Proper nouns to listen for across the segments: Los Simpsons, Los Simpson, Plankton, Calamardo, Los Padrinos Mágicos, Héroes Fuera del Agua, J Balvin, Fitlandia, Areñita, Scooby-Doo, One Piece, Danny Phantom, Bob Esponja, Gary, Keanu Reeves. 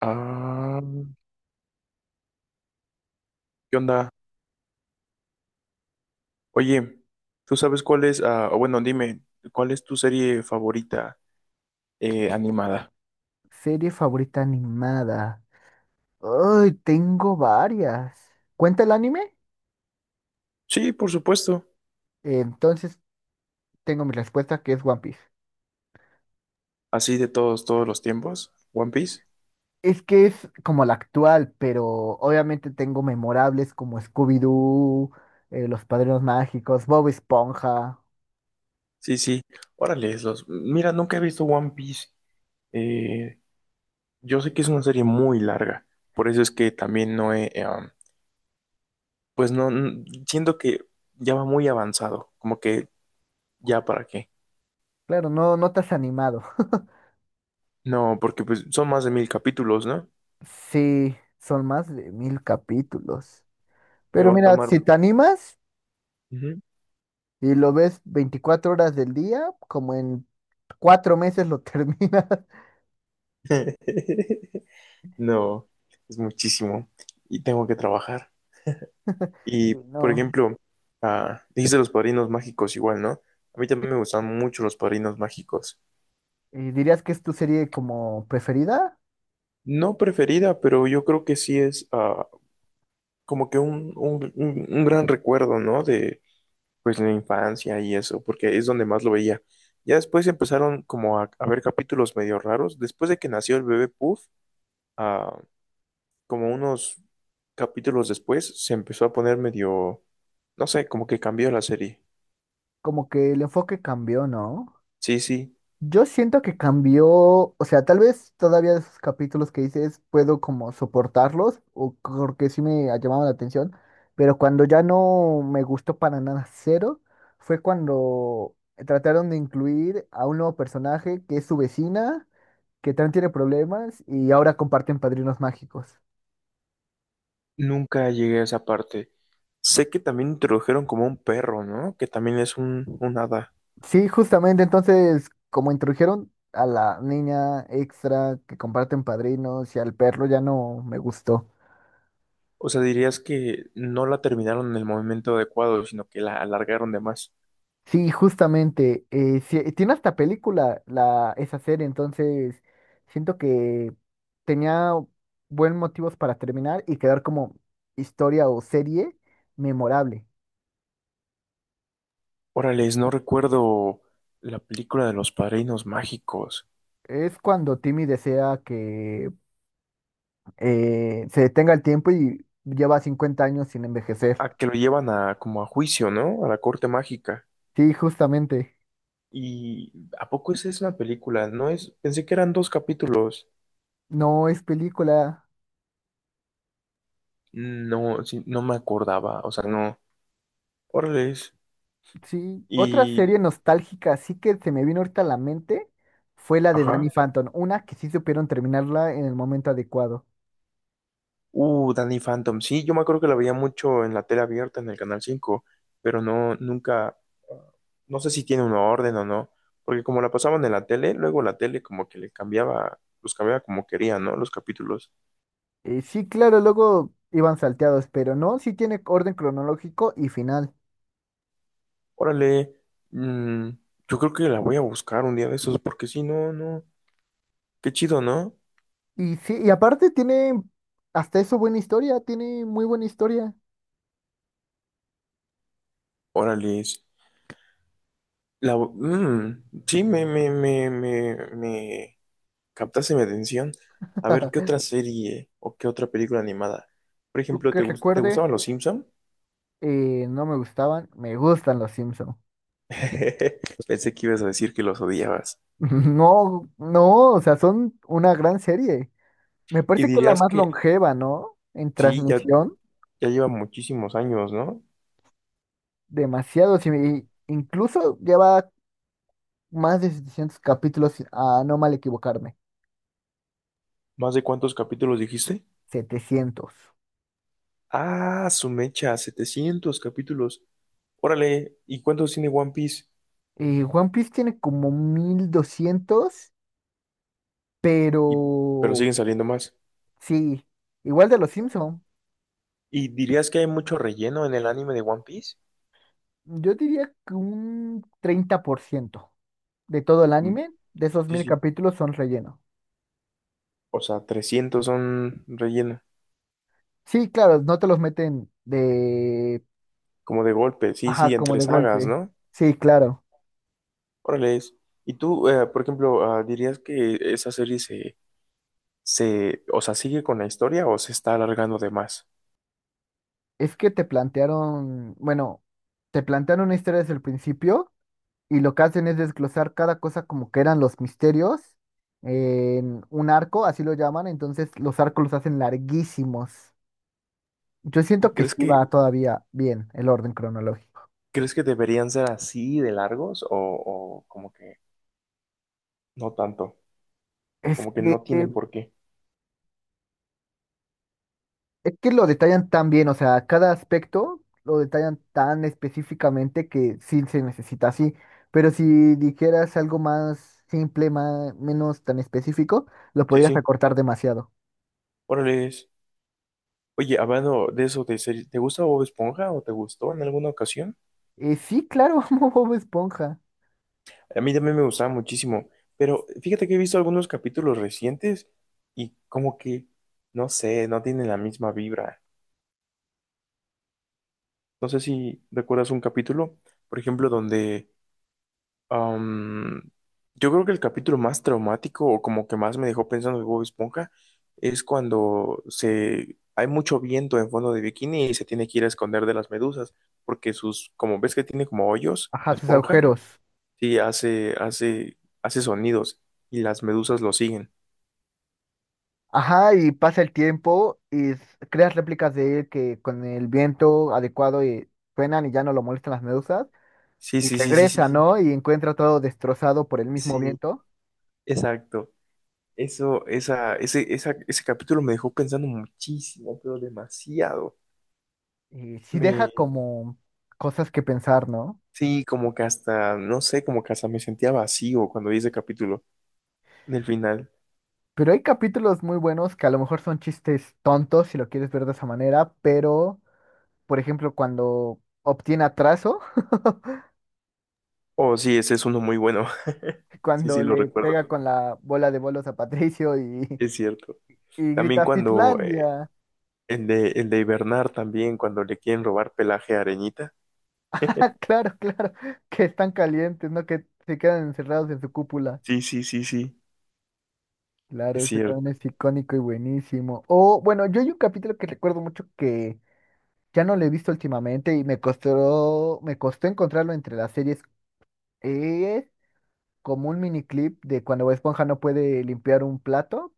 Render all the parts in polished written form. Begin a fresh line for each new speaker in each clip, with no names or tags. Ah, ¿qué onda? Oye, ¿tú sabes cuál es, o bueno, dime, ¿cuál es tu serie favorita animada?
Serie favorita animada. Ay, tengo varias. ¿Cuenta el anime?
Sí, por supuesto.
Entonces tengo mi respuesta que es One Piece.
Así de todos los tiempos. One Piece.
Es que es como la actual, pero obviamente tengo memorables como Scooby-Doo, Los Padrinos Mágicos, Bob Esponja.
Sí, sí. Órale, los. Mira, nunca he visto One Piece. Eh, yo sé que es una serie muy larga. Por eso es que también no he, pues no, siento que ya va muy avanzado. Como que ya para qué.
Claro, no, no te has animado.
No, porque pues son más de mil capítulos, ¿no?
Sí, son más de 1000 capítulos.
Me
Pero
va a
mira,
tomar.
si te animas
Ujú.
y lo ves 24 horas del día, como en 4 meses lo terminas.
No, es muchísimo y tengo que trabajar. Y,
Y
por
No,
ejemplo, dijiste los padrinos mágicos igual, ¿no? A mí también me gustan mucho los padrinos mágicos.
¿Y dirías que es tu serie como preferida?
No preferida, pero yo creo que sí es, como que un gran recuerdo, ¿no? De pues la infancia y eso, porque es donde más lo veía. Ya después empezaron como a ver capítulos medio raros. Después de que nació el bebé Puff, ah, como unos capítulos después, se empezó a poner medio, no sé, como que cambió la serie.
Como que el enfoque cambió, ¿no?
Sí, sí,
Yo siento que cambió, o sea, tal vez todavía de esos capítulos que dices puedo como soportarlos, o porque sí me ha llamado la atención, pero cuando ya no me gustó para nada cero, fue cuando trataron de incluir a un nuevo personaje que es su vecina, que también tiene problemas y ahora comparten padrinos mágicos.
nunca llegué a esa parte. Sé que también introdujeron como un perro, ¿no? Que también es un hada.
Sí, justamente entonces, como introdujeron a la niña extra que comparten padrinos y al perro, ya no me gustó.
O sea, dirías que no la terminaron en el momento adecuado, sino que la alargaron de más.
Sí, justamente, sí, tiene hasta película esa serie, entonces siento que tenía buen motivos para terminar y quedar como historia o serie memorable.
Órales, no recuerdo la película de los padrinos mágicos.
Es cuando Timmy desea que se detenga el tiempo y lleva 50 años sin envejecer.
A que lo llevan a, como, a juicio, ¿no? A la corte mágica.
Sí, justamente.
¿Y a poco esa es una película? No es, pensé que eran dos capítulos.
No es película.
No, sí, no me acordaba, o sea, no. Órale.
Sí, otra
Y,
serie nostálgica así que se me vino ahorita a la mente fue la de Danny
ajá.
Phantom, una que sí supieron terminarla en el momento adecuado.
Danny Phantom. Sí, yo me acuerdo que la veía mucho en la tele abierta, en el Canal cinco, pero no, nunca, ah, no sé si tiene una orden o no, porque como la pasaban en la tele, luego la tele como que le cambiaba, los cambiaba como quería, ¿no? Los capítulos.
Sí, claro, luego iban salteados, pero no, sí tiene orden cronológico y final.
Órale. mm, yo creo que la voy a buscar un día de esos, porque si no, no. Qué chido, ¿no?
Y sí, y aparte tiene hasta eso buena historia, tiene muy buena historia.
Órale. Sí, me captaste mi atención. A ver, ¿qué otra serie o qué otra película animada? Por
Tú
ejemplo,
que
te
recuerdes,
gustaban los Simpson?
no me gustaban, me gustan los Simpsons.
Pensé que ibas a decir que los odiabas.
No, no, o sea, son una gran serie. Me
Y
parece que es la
dirías
más
que
longeva, ¿no? En
sí, ya,
transmisión.
ya lleva muchísimos años, ¿no?
Demasiado. Sí, y incluso lleva más de 700 capítulos, a no mal equivocarme.
¿Más de cuántos capítulos dijiste?
700.
Ah, su mecha, 700 capítulos. Órale, ¿y cuántos tiene One Piece?
One Piece tiene como 1200, pero
Y, pero siguen saliendo más.
sí, igual de los Simpson.
¿Y dirías que hay mucho relleno en el anime de One Piece?
Yo diría que un 30% de todo el
Mm,
anime, de esos
sí,
mil
sí.
capítulos, son relleno.
O sea, 300 son relleno.
Sí, claro, no te los meten de...
Como de golpe, sí,
Ajá,
sí,
como
entre
de
sagas,
golpe.
¿no?
Sí, claro.
Órale. Y tú, por ejemplo, ¿dirías que esa serie o sea, sigue con la historia o se está alargando de más?
Es que te plantearon, bueno, te plantearon una historia desde el principio y lo que hacen es desglosar cada cosa como que eran los misterios en un arco, así lo llaman, entonces los arcos los hacen larguísimos. Yo
¿Y
siento que sí va todavía bien el orden cronológico.
crees que deberían ser así de largos, o como que no tanto?
Es
Como que
que
no tienen por qué.
es que lo detallan tan bien, o sea, cada aspecto lo detallan tan específicamente que sí se necesita así. Pero si dijeras algo más simple, más, menos tan específico, lo
Sí,
podrías
sí.
recortar demasiado.
Órale. Oye, hablando de eso de series, ¿te gusta Bob Esponja o te gustó en alguna ocasión?
Sí, claro, como Bob Esponja.
A mí también me gustaba muchísimo, pero fíjate que he visto algunos capítulos recientes y como que, no sé, no tienen la misma vibra. No sé si recuerdas un capítulo, por ejemplo, donde, am, yo creo que el capítulo más traumático o como que más me dejó pensando de Bob Esponja es cuando se hay mucho viento en fondo de bikini y se tiene que ir a esconder de las medusas porque sus, como ves que tiene como hoyos
Ajá,
la
sus
esponja,
agujeros.
sí hace sonidos y las medusas lo siguen.
Ajá, y pasa el tiempo y creas réplicas de él que con el viento adecuado suenan y ya no lo molestan las medusas.
Sí,
Y
sí, sí, sí, sí,
regresa,
sí,
¿no? Y encuentra todo destrozado por el mismo
sí,
viento.
exacto. Eso, esa, ese capítulo me dejó pensando muchísimo, pero demasiado.
Sí, deja
Me,
como cosas que pensar, ¿no?
sí, como que hasta, no sé, como que hasta me sentía vacío cuando vi ese capítulo en el final.
Pero hay capítulos muy buenos que a lo mejor son chistes tontos si lo quieres ver de esa manera, pero, por ejemplo, cuando obtiene atraso,
Oh, sí, ese es uno muy bueno. Sí, sí,
cuando
lo
le
recuerdo.
pega con la bola de bolos a Patricio
Es cierto.
y grita
También
También bueno.
cuando,
Fitlandia.
el de, hibernar también, cuando le quieren robar pelaje a Areñita.
Ah, claro, claro, que están calientes, ¿no? Que se quedan encerrados en su cúpula.
Sí, sí, sí, sí,
Claro,
es
ese
cierto.
también es icónico y buenísimo. O, bueno, yo hay un capítulo que recuerdo mucho que ya no lo he visto últimamente y me costó encontrarlo entre las series. Es como un miniclip de cuando Bob Esponja no puede limpiar un plato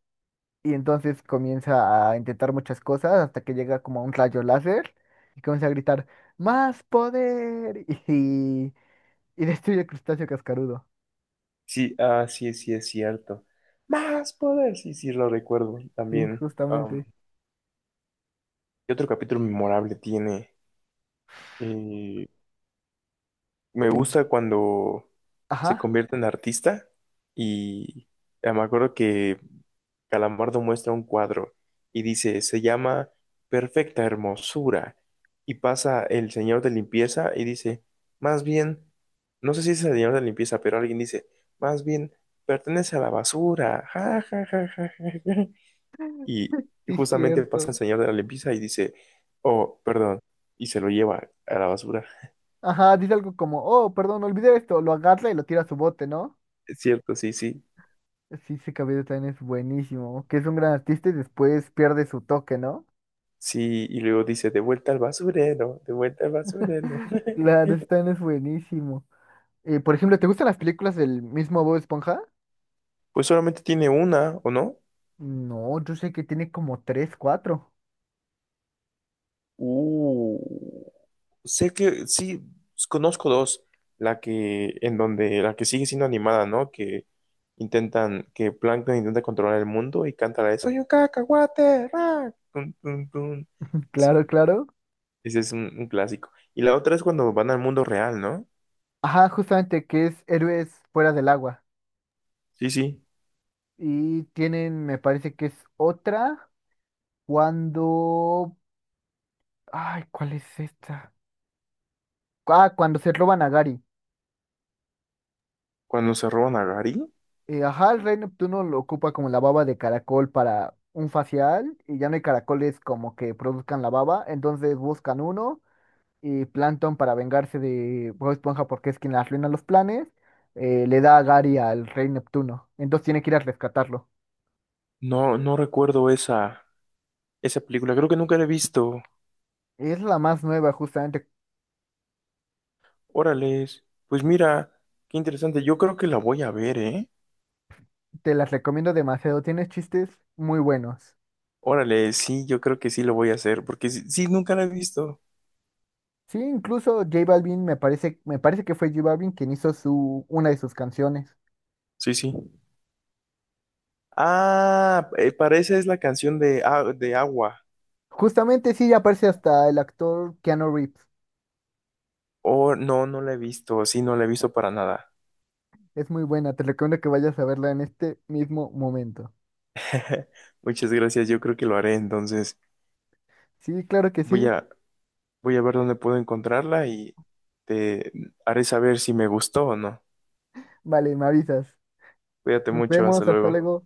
y entonces comienza a intentar muchas cosas hasta que llega como a un rayo láser y comienza a gritar ¡Más poder! y, y destruye el crustáceo cascarudo.
Sí, sí, sí, es cierto. Más poder, sí, sí, lo recuerdo
Sí,
también.
justamente.
¿Qué otro capítulo memorable tiene? eh, Me
El-
gusta cuando se
Ajá,
convierte en artista y, me acuerdo que Calamardo muestra un cuadro y dice, se llama Perfecta Hermosura. Y pasa el señor de limpieza y dice, más bien, no sé si es el señor de limpieza, pero alguien dice, más bien, pertenece a la basura. Ja, ja, ja, ja, ja, ja. Y
sí, es
justamente pasa el
cierto.
señor de la limpieza y dice, oh, perdón, y se lo lleva a la basura.
Ajá, dice algo como, oh, perdón, olvidé esto. Lo agarra y lo tira a su bote, ¿no?
Es cierto, sí, sí.
Sí, ese cabello también es buenísimo. Que es un gran artista y después pierde su toque, ¿no?
Sí, y luego dice, de vuelta al basurero, de vuelta al basurero.
Claro, ese también es buenísimo. Por ejemplo, ¿te gustan las películas del mismo Bob Esponja?
Pues solamente tiene una, ¿o no?
No, yo sé que tiene como tres, cuatro.
Uh, Sé que sí, conozco dos. La que, en donde, la que sigue siendo animada, ¿no? Que intentan, que Plankton intenta controlar el mundo y canta la de Soy un cacahuate, ra, tun, tun, tun. Sí,
Claro, claro.
ese es un clásico. Y la otra es cuando van al mundo real, ¿no?
Ajá, justamente que es Héroes Fuera del Agua.
Sí, sí.
Y tienen, me parece que es otra cuando... Ay, ¿cuál es esta? Ah, cuando se roban a Gary.
Cuando se roban a Gary.
Ajá, el rey Neptuno lo ocupa como la baba de caracol para un facial y ya no hay caracoles como que produzcan la baba, entonces buscan uno y Plankton para vengarse de Bob Esponja porque es quien le arruina los planes, le da a Gary al rey Neptuno, entonces tiene que ir a rescatarlo.
No, no recuerdo esa película. Creo que nunca la he visto.
Es la más nueva justamente,
Órales, pues mira, qué interesante. Yo creo que la voy a ver, ¿eh?
te las recomiendo demasiado, tiene chistes muy buenos.
Órale, sí, yo creo que sí lo voy a hacer, porque sí, sí, nunca la he visto.
Sí, incluso J Balvin me parece que fue J Balvin quien hizo su, una de sus canciones.
Sí, sí. Ah, para esa es la canción de, de Agua.
Justamente sí aparece hasta el actor Keanu Reeves.
Oh, no, no la he visto, sí, no la he visto para nada.
Es muy buena, te recomiendo que vayas a verla en este mismo momento.
Muchas gracias, yo creo que lo haré, entonces
Sí, claro que
voy
sí.
a, voy a ver dónde puedo encontrarla y te haré saber si me gustó o no.
Vale, me avisas.
Cuídate
Nos
mucho, hasta
vemos, hasta
luego.
luego.